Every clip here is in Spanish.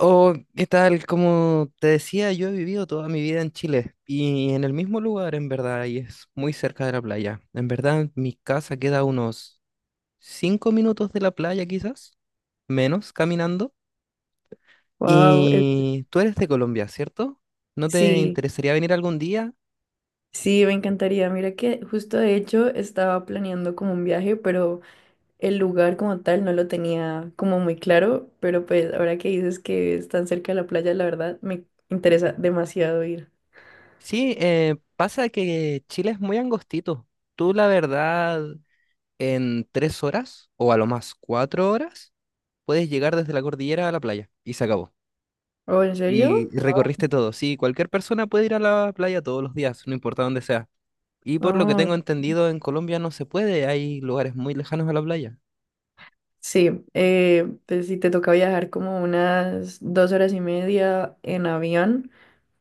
Oh, ¿qué tal? Como te decía, yo he vivido toda mi vida en Chile y en el mismo lugar, en verdad, y es muy cerca de la playa. En verdad, mi casa queda a unos 5 minutos de la playa, quizás, menos caminando. Wow, Y tú eres de Colombia, ¿cierto? ¿No te sí, interesaría venir algún día? sí, me encantaría. Mira que justo de hecho estaba planeando como un viaje, pero el lugar como tal no lo tenía como muy claro, pero pues ahora que dices que es tan cerca de la playa, la verdad me interesa demasiado ir. Sí, pasa que Chile es muy angostito. Tú, la verdad, en 3 horas o a lo más 4 horas, puedes llegar desde la cordillera a la playa y se acabó. ¿Oh, en serio? Y recorriste todo. Sí, cualquier persona puede ir a la playa todos los días, no importa dónde sea. Y por lo que tengo Oh, entendido, en Colombia no se puede, hay lugares muy lejanos a la playa. sí, pues si te toca viajar como unas 2 horas y media en avión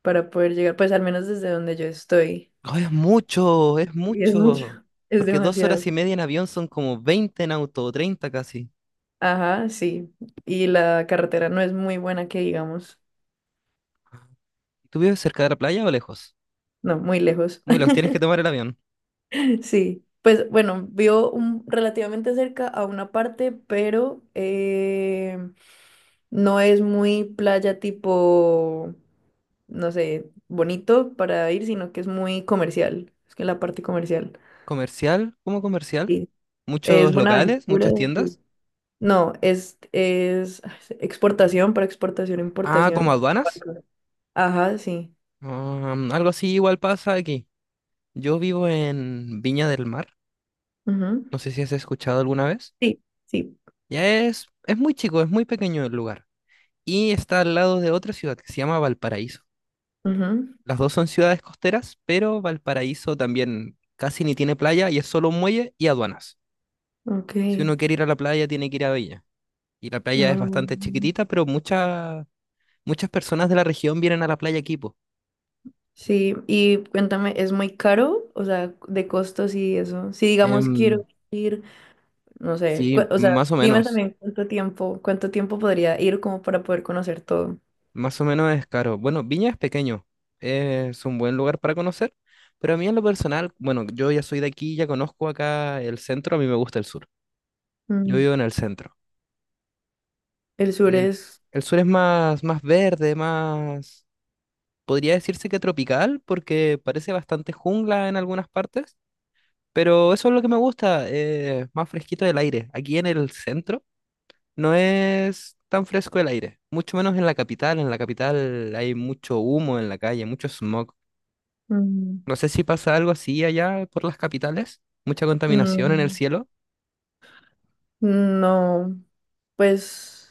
para poder llegar, pues al menos desde donde yo estoy. ¡Oh, es mucho, es Y es mucho, mucho! es Porque dos demasiado. horas y media en avión son como 20 en auto, o 30 casi. Ajá, sí. Y la carretera no es muy buena que digamos. ¿Tú vives cerca de la playa o lejos? No, muy lejos. Muy lejos, tienes que tomar el avión. Sí. Pues bueno, vio un, relativamente cerca a una parte, pero no es muy playa tipo, no sé, bonito para ir, sino que es muy comercial. Es que la parte comercial. ¿Comercial? ¿Cómo comercial? Sí. Es ¿Muchos locales? Buenaventura, ¿Muchas sí. tiendas? No, es exportación para exportación, Ah, ¿como importación. aduanas? Barco. Ajá, sí. Ah, algo así igual pasa aquí. Yo vivo en Viña del Mar. Ujú. No sé si has escuchado alguna vez. Sí, sí. Ya es muy chico, es muy pequeño el lugar. Y está al lado de otra ciudad que se llama Valparaíso. Ujú. Las dos son ciudades costeras, pero Valparaíso también casi ni tiene playa y es solo un muelle y aduanas. Ok. Si uno quiere ir a la playa, tiene que ir a Bella. Y la playa es bastante Mm, chiquitita, pero muchas personas de la región vienen a la playa aquí, po. sí, y cuéntame, ¿es muy caro? O sea, de costos y eso. Si digamos Em, quiero ir, no sé, sí, o sea, más o dime menos. también cuánto tiempo podría ir como para poder conocer todo. Más o menos es caro. Bueno, Viña es pequeño, es un buen lugar para conocer, pero a mí en lo personal, bueno, yo ya soy de aquí, ya conozco acá el centro, a mí me gusta el sur. Yo Mm, vivo en el centro. el sur El, es... el sur es más, más verde, más, podría decirse que tropical, porque parece bastante jungla en algunas partes, pero eso es lo que me gusta, más fresquito el aire. Aquí en el centro no es tan fresco el aire, mucho menos en la capital. En la capital hay mucho humo en la calle, mucho smog. Mm, No sé si pasa algo así allá por las capitales. Mucha contaminación en el mm, cielo. no, pues...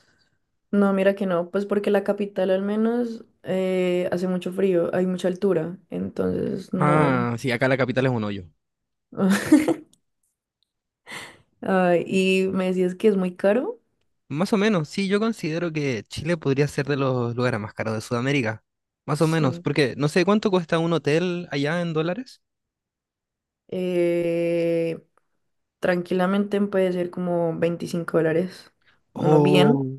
No, mira que no, pues porque la capital al menos hace mucho frío, hay mucha altura, entonces no. Ah, sí, acá la capital es un hoyo. Ah, y me decías que es muy caro. Más o menos, sí, yo considero que Chile podría ser de los lugares más caros de Sudamérica. Más o menos, Sí. porque no sé cuánto cuesta un hotel allá en dólares. Eh, tranquilamente puede ser como 25 dólares. Uno bien, Oh,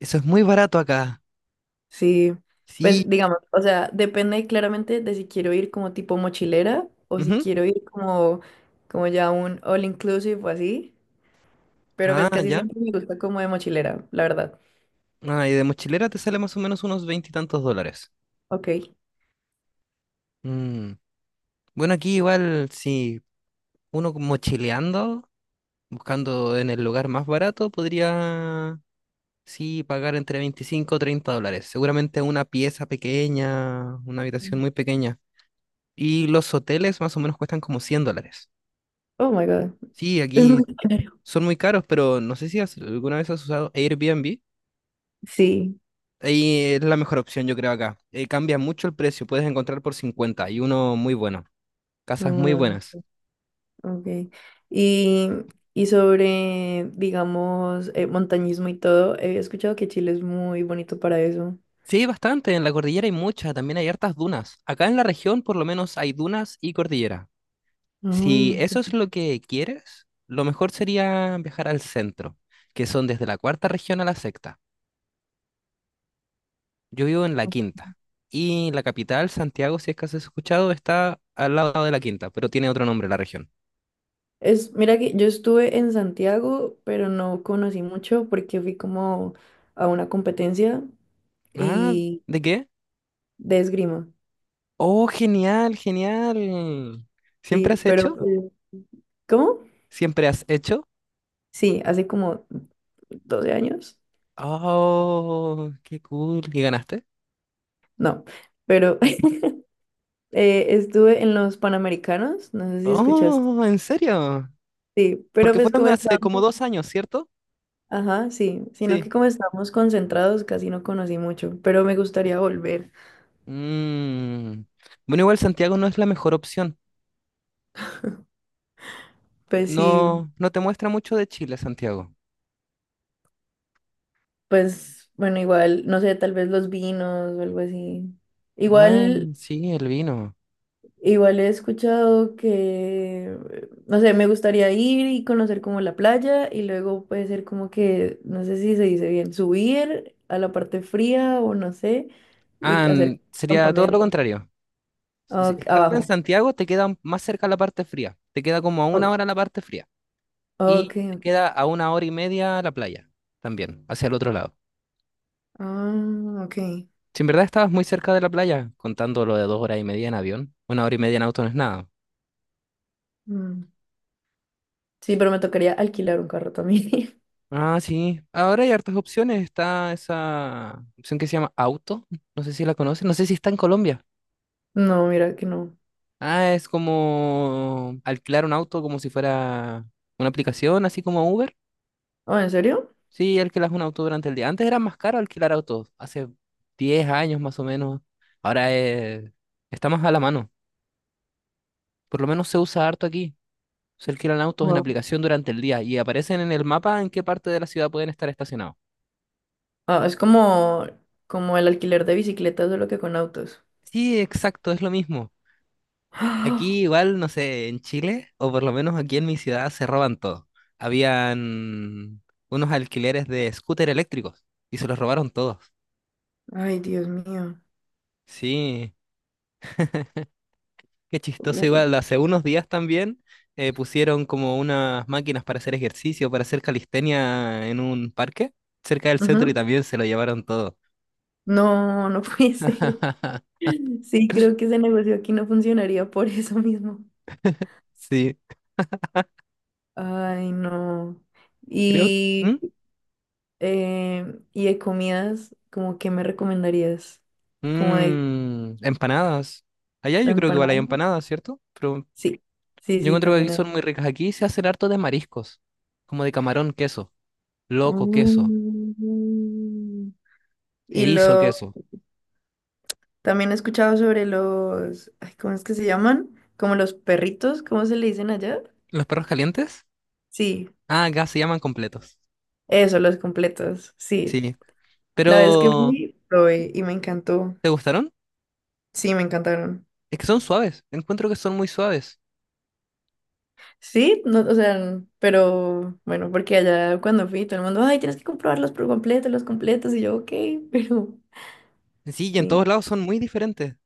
eso es muy barato acá. sí. Pues Sí. digamos, o sea, depende claramente de si quiero ir como tipo mochilera o si Ujú. quiero ir como, como ya un all inclusive o así. Pero pues Ah, casi ya. siempre me gusta como de mochilera, la verdad. Ah, y de mochilera te sale más o menos unos veintitantos dólares. Ok. Mm. Bueno, aquí igual, si uno mochileando buscando en el lugar más barato, podría, sí, pagar entre 25 o 30 dólares. Seguramente una pieza pequeña, una habitación muy pequeña. Y los hoteles más o menos cuestan como 100 dólares. Oh my God. Sí, Es muy aquí caro. son muy caros, pero no sé si alguna vez has usado Airbnb. Sí. Ahí es la mejor opción, yo creo, acá. Cambia mucho el precio, puedes encontrar por 51 muy bueno. Casas muy Mm. buenas. Ok. Y, y sobre, digamos, montañismo y todo, he escuchado que Chile es muy bonito para eso. Sí, bastante, en la cordillera hay muchas, también hay hartas dunas. Acá en la región por lo menos hay dunas y cordillera. Si Ah, eso es ok. lo que quieres, lo mejor sería viajar al centro, que son desde la cuarta región a la sexta. Yo vivo en la quinta. Y la capital, Santiago, si es que has escuchado, está al lado de la quinta, pero tiene otro nombre la región. Es, mira que yo estuve en Santiago, pero no conocí mucho porque fui como a una competencia Ah, y ¿de qué? de esgrima. Oh, genial, genial. Sí, ¿Siempre has pero hecho? pues, ¿cómo? ¿Siempre has hecho? Sí, hace como 12 años. Oh, qué cool. ¿Y ganaste? No, pero estuve en los Panamericanos, no sé si escuchaste. Oh, ¿en serio? Sí, pero Porque pues fueron como hace como estábamos. 2 años, ¿cierto? Ajá, sí, sino que Sí. como estamos concentrados casi no conocí mucho, pero me gustaría volver. Mm. Bueno, igual Santiago no es la mejor opción. Pues sí, No, no te muestra mucho de Chile, Santiago. pues bueno, igual, no sé, tal vez los vinos o algo así. Ah, Igual, sí, el vino. igual he escuchado que, no sé, me gustaría ir y conocer como la playa y luego puede ser como que, no sé si se dice bien, subir a la parte fría o no sé, Ah, y hacer sería todo lo campamento. contrario. Si- si Ok, Estando en abajo. Santiago te queda más cerca la parte fría. Te queda como a una Oh, hora la parte fría. ok, Y te ok. queda a 1 hora y media la playa también, hacia el otro lado. Ah, ok. Si en verdad estabas muy cerca de la playa, contando lo de 2 horas y media en avión, 1 hora y media en auto no es nada. Mm. Sí, pero me tocaría alquilar un carro también. Ah, sí. Ahora hay hartas opciones. Está esa opción que se llama Auto. No sé si la conocen. No sé si está en Colombia. No, mira que no. Ah, es como alquilar un auto como si fuera una aplicación, así como Uber. Ah, ¿en serio? Sí, alquilas un auto durante el día. Antes era más caro alquilar autos. Hace 10 años más o menos. Ahora está más a la mano. Por lo menos se usa harto aquí. Se alquilan autos en Wow. aplicación durante el día y aparecen en el mapa en qué parte de la ciudad pueden estar estacionados. Ah, es como, como el alquiler de bicicletas, solo que con autos. Sí, exacto, es lo mismo. ¡Ah! Aquí igual, no sé, en Chile, o por lo menos aquí en mi ciudad, se roban todo. Habían unos alquileres de scooter eléctricos y se los robaron todos. Ay, Dios mío. Sí, qué chistoso Uy. igual. Hace unos días también pusieron como unas máquinas para hacer ejercicio, para hacer calistenia en un parque cerca del centro y Ujú. también se lo llevaron todo. No, no puede ser. Sí, creo que ese negocio aquí no funcionaría por eso mismo. Sí, Ay, no. creo. Y, ¿Mm? Y de comidas, ¿como qué me recomendarías? ¿Como Mm, empanadas. Allá de yo creo que igual hay empanada? empanadas, ¿cierto? Pero. Sí, sí, Yo sí, encuentro que aquí también hay. son muy ricas. Aquí se hacen harto de mariscos, como de camarón, queso, loco, queso, Mm. Y erizo, lo queso. también he escuchado sobre los, ay, ¿cómo es que se llaman? Como los perritos, ¿cómo se le dicen allá? ¿Los perros calientes? Sí, Ah, acá se llaman completos. eso, los completos. Sí. Sí. La vez que Pero, fui, probé y me encantó. ¿te gustaron? Sí, me encantaron. Es que son suaves. Encuentro que son muy suaves. Sí, no, o sea, pero bueno, porque allá cuando fui, todo el mundo, ay, tienes que comprobarlos por completo, los completos. Y yo, ok, pero Sí, y en todos sí. lados son muy diferentes.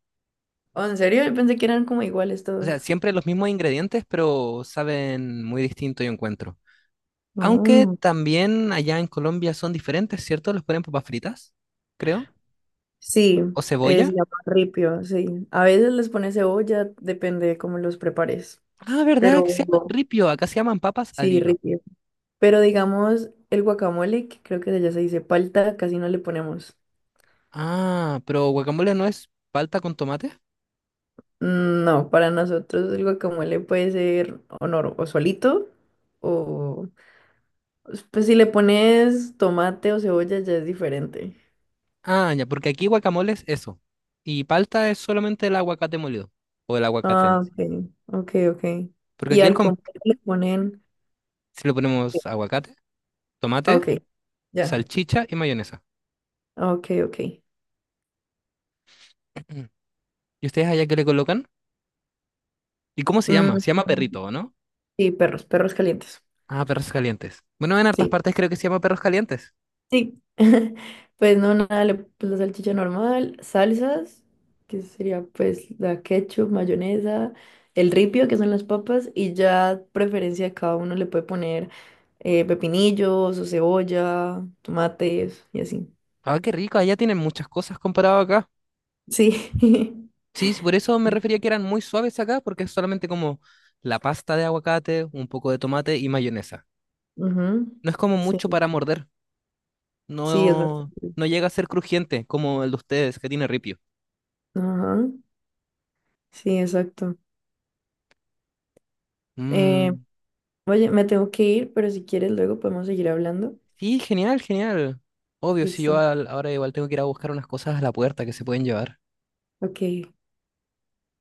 Oh, ¿en serio? Yo pensé que eran como iguales O todos. sea, siempre los mismos ingredientes, pero saben muy distinto, yo encuentro. Aunque Mm. también allá en Colombia son diferentes, ¿cierto? Los ponen papas fritas, creo. Sí, O cebolla. se llama ripio, sí. A veces les pones cebolla, depende de cómo los prepares. Ah, ¿verdad? Pero Que se llaman ripio. Acá se llaman papas al sí, hilo. ripio. Pero digamos, el guacamole, que creo que ya se dice palta, casi no le ponemos. Ah, pero guacamole no es palta con tomate. No, para nosotros el guacamole puede ser o, o solito, o pues si le pones tomate o cebolla ya es diferente. Ah, ya, porque aquí guacamole es eso. Y palta es solamente el aguacate molido. O el aguacate Ah, en sí. ok, ok, ok. Porque Y aquí el al comer le ponen... si le ponemos aguacate, tomate, Ok, ya. salchicha y mayonesa. Ok, ok. ¿Y ustedes allá qué le colocan? ¿Y cómo se Mm. llama? Se llama perrito, ¿o no? Sí, perros, perros calientes. Ah, perros calientes. Bueno, en hartas Sí, partes creo que se llama perros calientes. sí. Pues no, nada, pues la salchicha normal, salsas, que sería pues la ketchup, mayonesa, el ripio, que son las papas, y ya preferencia de cada uno le puede poner pepinillos o cebolla, tomates y así. Ah, qué rico, allá tienen muchas cosas comparado acá. Sí. Sí, sí, por eso me refería que eran muy suaves acá, porque es solamente como la pasta de aguacate, un poco de tomate y mayonesa. Ujú. No es como Sí, mucho para morder. sí, es No, bastante. no llega a ser crujiente como el de ustedes, que tiene ripio. Ajá, sí, exacto. Eh, Mm, oye, me tengo que ir, pero si quieres luego podemos seguir hablando. sí, genial, genial. Obvio, si yo Listo. Ahora igual tengo que ir a buscar unas cosas a la puerta que se pueden llevar. Ok.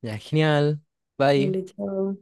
Ya, genial. Bye. Vale, chao.